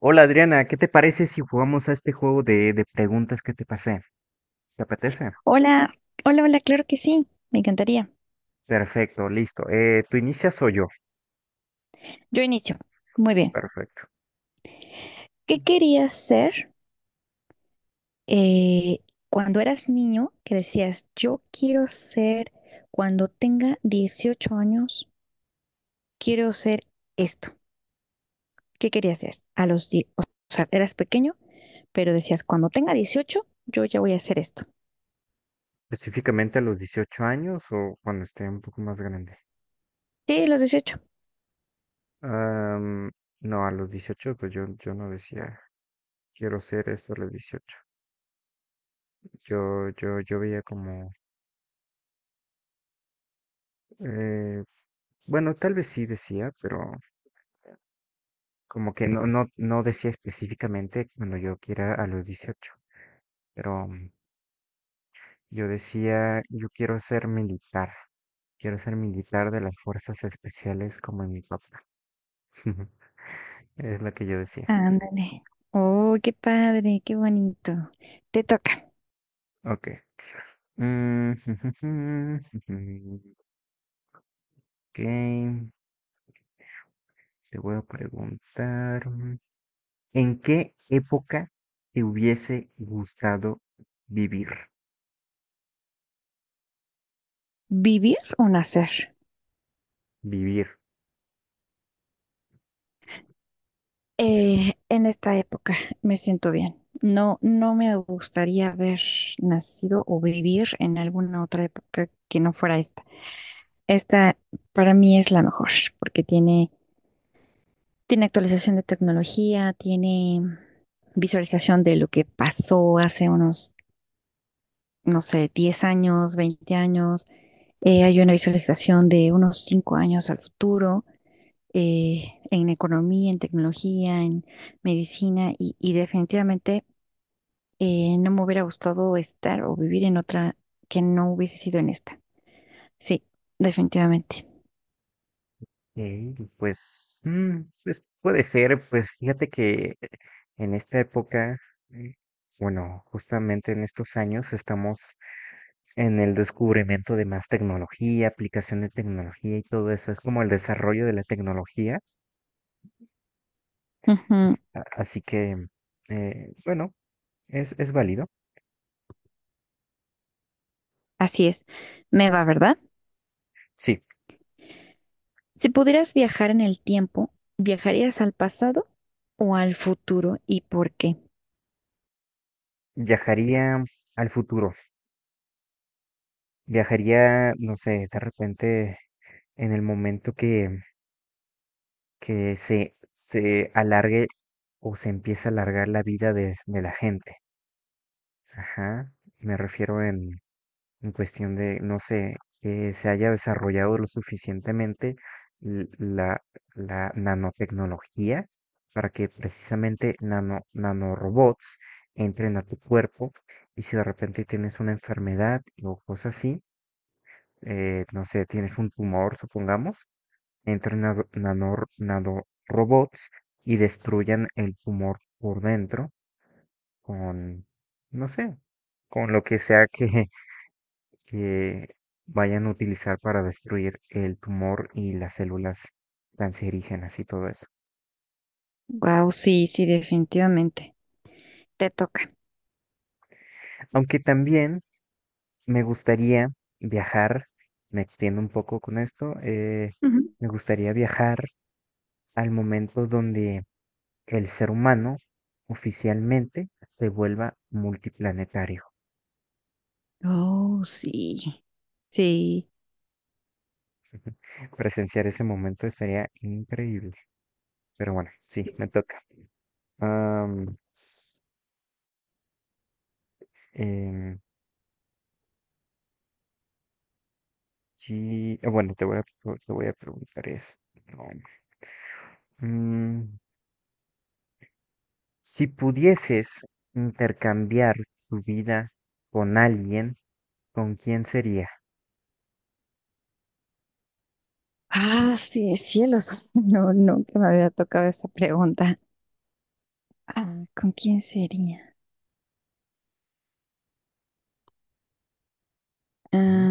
Hola Adriana, ¿qué te parece si jugamos a este juego de preguntas que te pasé? ¿Te apetece? Hola, hola, hola, claro que sí, me encantaría. Perfecto, listo. ¿Tú inicias o yo? Yo inicio. Muy bien. Perfecto. ¿Qué querías ser eh, cuando eras niño? Que decías, yo quiero ser, cuando tenga 18 años, quiero ser esto. ¿Qué querías ser? O sea, eras pequeño, pero decías, cuando tenga 18 yo ya voy a hacer esto. Específicamente a los 18 años o cuando esté un poco más grande. Sí, los 18. Am, no, a los 18, pues yo no decía, quiero ser esto a los 18. Yo veía como, eh, bueno, tal vez sí decía, pero como que no decía específicamente cuando yo quiera a los 18. Pero yo decía, yo quiero ser militar de las fuerzas especiales como en mi papá. Es lo que yo decía. Ándale. Oh, qué padre, qué bonito. Te toca. Ok. Mm. Ok, te voy a preguntar, ¿en qué época te hubiese gustado vivir? ¿Vivir o nacer? Vivir. En esta época me siento bien. No, no me gustaría haber nacido o vivir en alguna otra época que no fuera esta. Esta para mí es la mejor porque tiene actualización de tecnología, tiene visualización de lo que pasó hace unos, no sé, 10 años, 20 años. Hay una visualización de unos 5 años al futuro, en economía, en tecnología, en medicina y definitivamente, no me hubiera gustado estar o vivir en otra que no hubiese sido en esta. Sí, definitivamente. Mm, pues, pues puede ser, pues fíjate que en esta época, mm, bueno, justamente en estos años estamos en el descubrimiento de más tecnología, aplicación de tecnología y todo eso, es como el desarrollo de la tecnología, Ujú. así que, bueno, es válido. Así es. Me va, ¿verdad? Sí, Si pudieras viajar en el tiempo, ¿viajarías al pasado o al futuro y por qué? viajaría al futuro, viajaría, no sé, de repente en el momento que se alargue o se empiece a alargar la vida de la gente. Ajá. Me refiero en cuestión de, no sé, que se haya desarrollado lo suficientemente l- la, la nanotecnología para que precisamente nanorobots entren a tu cuerpo y si de repente tienes una enfermedad o cosas así, no sé, tienes un tumor, supongamos, entren nanorobots y destruyan el tumor por dentro con, no sé, con lo que sea que vayan a utilizar para destruir el tumor y las células cancerígenas y todo eso. Wow, sí, sí, definitivamente. Te toca. Aunque también me gustaría viajar, me extiendo un poco con esto, Ujú. me gustaría viajar al momento donde el ser humano oficialmente se vuelva multiplanetario. Oh, sí. Sí. Presenciar ese momento sería increíble. Pero bueno, sí, me toca. Am, em, sí, bueno, te voy a preguntar esto. ¿No? Mm, si pudieses intercambiar tu vida con alguien, ¿con quién sería? Ah, sí, cielos. No, nunca me había tocado esa pregunta. Ah, ¿con quién sería? Ah, Ujú.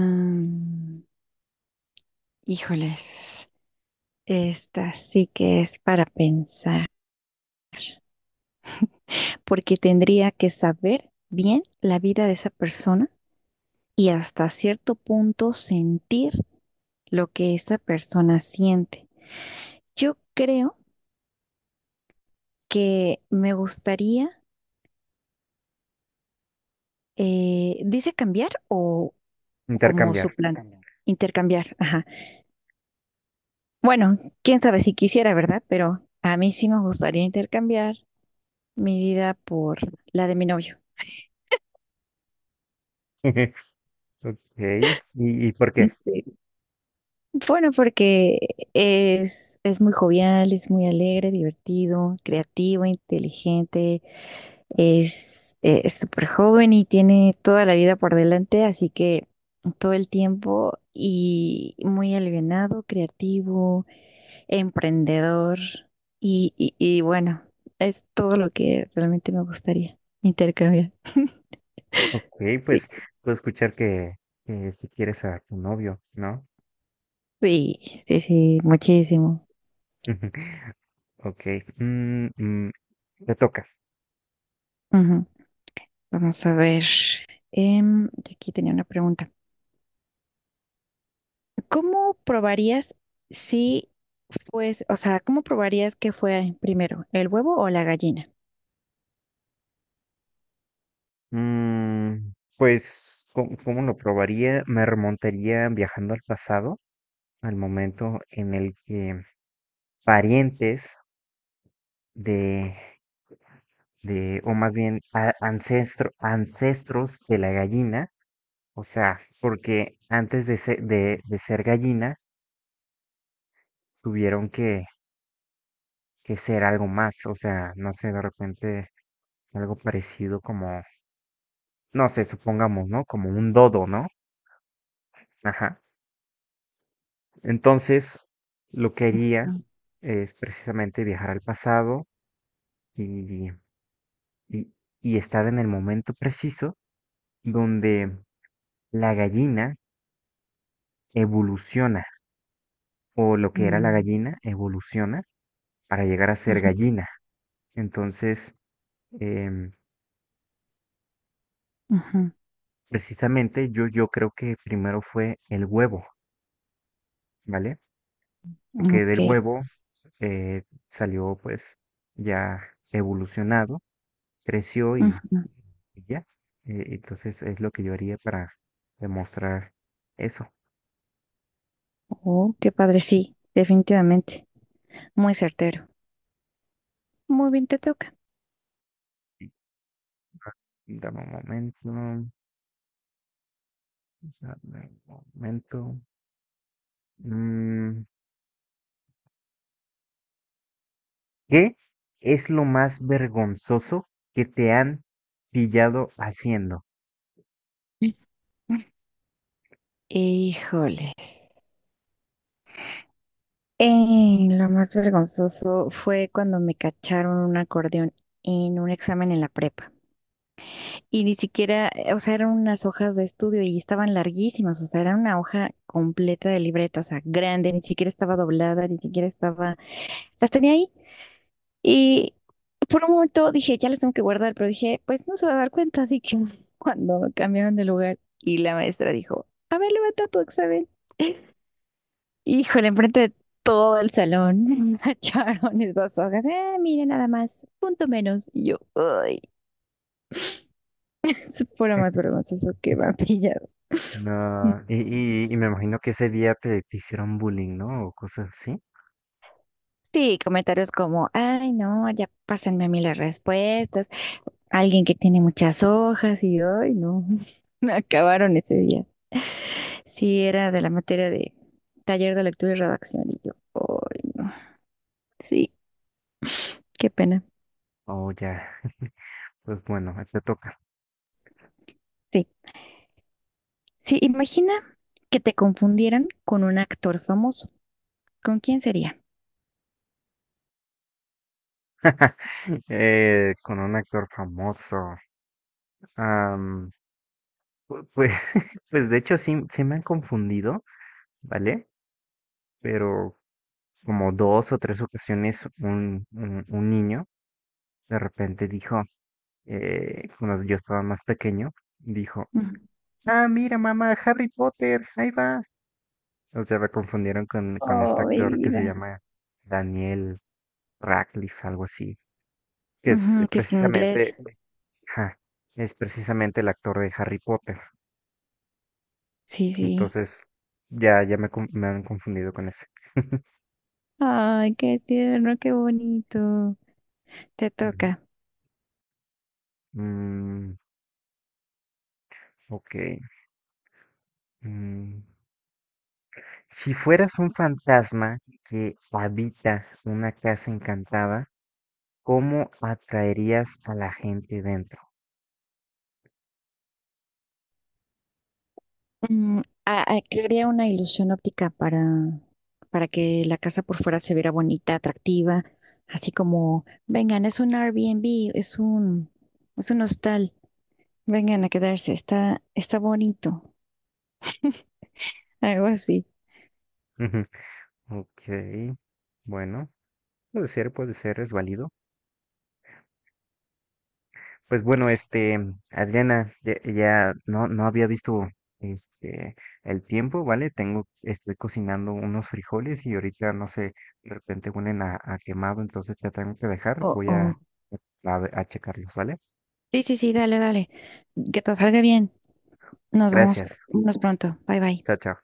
híjoles. Esta sí que es para pensar, porque tendría que saber bien la vida de esa persona y hasta cierto punto sentir lo que esa persona siente. Yo creo que me gustaría, dice cambiar o como su Intercambiar. plan. Intercambiar. Ajá. Bueno, quién sabe si quisiera, ¿verdad? Pero a mí sí me gustaría intercambiar mi vida por la de mi novio. Ok, ¿ y por qué? Bueno, porque es muy jovial, es muy alegre, divertido, creativo, inteligente, es es súper joven y tiene toda la vida por delante, así que todo el tiempo y muy alivianado, creativo, emprendedor y bueno, es todo lo que realmente me gustaría intercambiar. Ok, Sí, pues puedo escuchar que si quieres a tu novio, ¿no? sí, sí, sí, muchísimo. Ok, mm, mm, te toca. Ujú. Vamos a ver. Yo aquí tenía una pregunta. ¿Cómo probarías si pues, o sea, cómo probarías que fue primero, el huevo o la gallina? Mm, pues, ¿ cómo lo probaría? Me remontaría viajando al pasado, al momento en el que parientes de, o más bien ancestros de la gallina, o sea, porque antes de ser, de ser gallina, tuvieron que, que ser algo más, o sea, no sé, de repente algo parecido como, no sé, supongamos, ¿no? Como un dodo, ¿no? Ajá. Entonces, lo que haría Ujú. es precisamente viajar al pasado y, y- y estar en el momento preciso donde la gallina evoluciona, o lo que era la Mm. gallina evoluciona para llegar a ser Ujú, gallina. Entonces, em, ujú. precisamente yo creo que primero fue el huevo, ¿vale? Porque Ok. del huevo eh, salió pues ya evolucionado, creció. Y Ujú. ya, entonces es lo que yo haría para demostrar eso. Oh, qué padre, sí, definitivamente. Muy certero. Muy bien, te toca. Sí, ah, dame un momento, dame un momento. Mm, ¿qué es lo más vergonzoso que te han pillado haciendo? Híjole. Lo más vergonzoso fue cuando me cacharon un acordeón en un examen en la prepa. Y ni siquiera, o sea, eran unas hojas de estudio y estaban larguísimas, o sea, era una hoja completa de libreta, o sea, grande, ni siquiera estaba doblada, ni siquiera estaba, las tenía ahí. Y por un momento dije, ya las tengo que guardar, pero dije, pues no se va a dar cuenta, así que, cuando cambiaron de lugar y la maestra dijo, a ver, levanta tu examen. Híjole, enfrente de todo el salón, echaron esas hojas, ah, mire nada más, punto menos. Y yo, ay, es puro más vergonzoso que vampillas. No, y me imagino que ese día te hicieron bullying, ¿no? O cosas así. Sí, comentarios como, ay, no, ya pásenme a mí las respuestas. Alguien que tiene muchas hojas y, ay, no, me acabaron ese día. Sí, era de la materia de taller de lectura y redacción y yo, ay, no, sí, qué pena. O ya, pues bueno, te toca. Sí, sí, imagina que te confundieran con un actor famoso. ¿Con quién sería? Con un actor famoso. Pues, pues de hecho sí, sí me han confundido, ¿vale? Pero como dos o tres ocasiones un niño de repente dijo, cuando yo estaba más pequeño, dijo, Ujú. ah, mira mamá, Harry Potter, ahí va. O sea, me confundieron con este Oh, mi actor que se vida. llama Daniel Radcliffe, algo así, que es Ujú, que es precisamente, inglés. ajá, es precisamente el actor de Harry Potter. Sí, sí. Entonces, me han confundido con ese. Ay, qué tierno, qué bonito. Te Ujú. toca. Mm, ok. Mm. Si fueras un fantasma que habita una casa encantada, ¿cómo atraerías a la gente dentro? Mm, crearía una ilusión óptica para que la casa por fuera se viera bonita, atractiva, así como, vengan, es un Airbnb, es un hostal, vengan a quedarse, está, está bonito, algo así. Ok. Bueno, puede ser, es válido. Pues bueno, este, Adriana, ya no había visto este el tiempo, ¿vale? Tengo, estoy cocinando unos frijoles y ahorita, no sé, de repente huelen a quemado, entonces ya tengo que dejar. O, o, A checarlos, ¿vale? sí, sí, sí, dale, dale, que todo salga bien, nos vemos, Gracias. nos pronto, bye, bye. Chao, chao.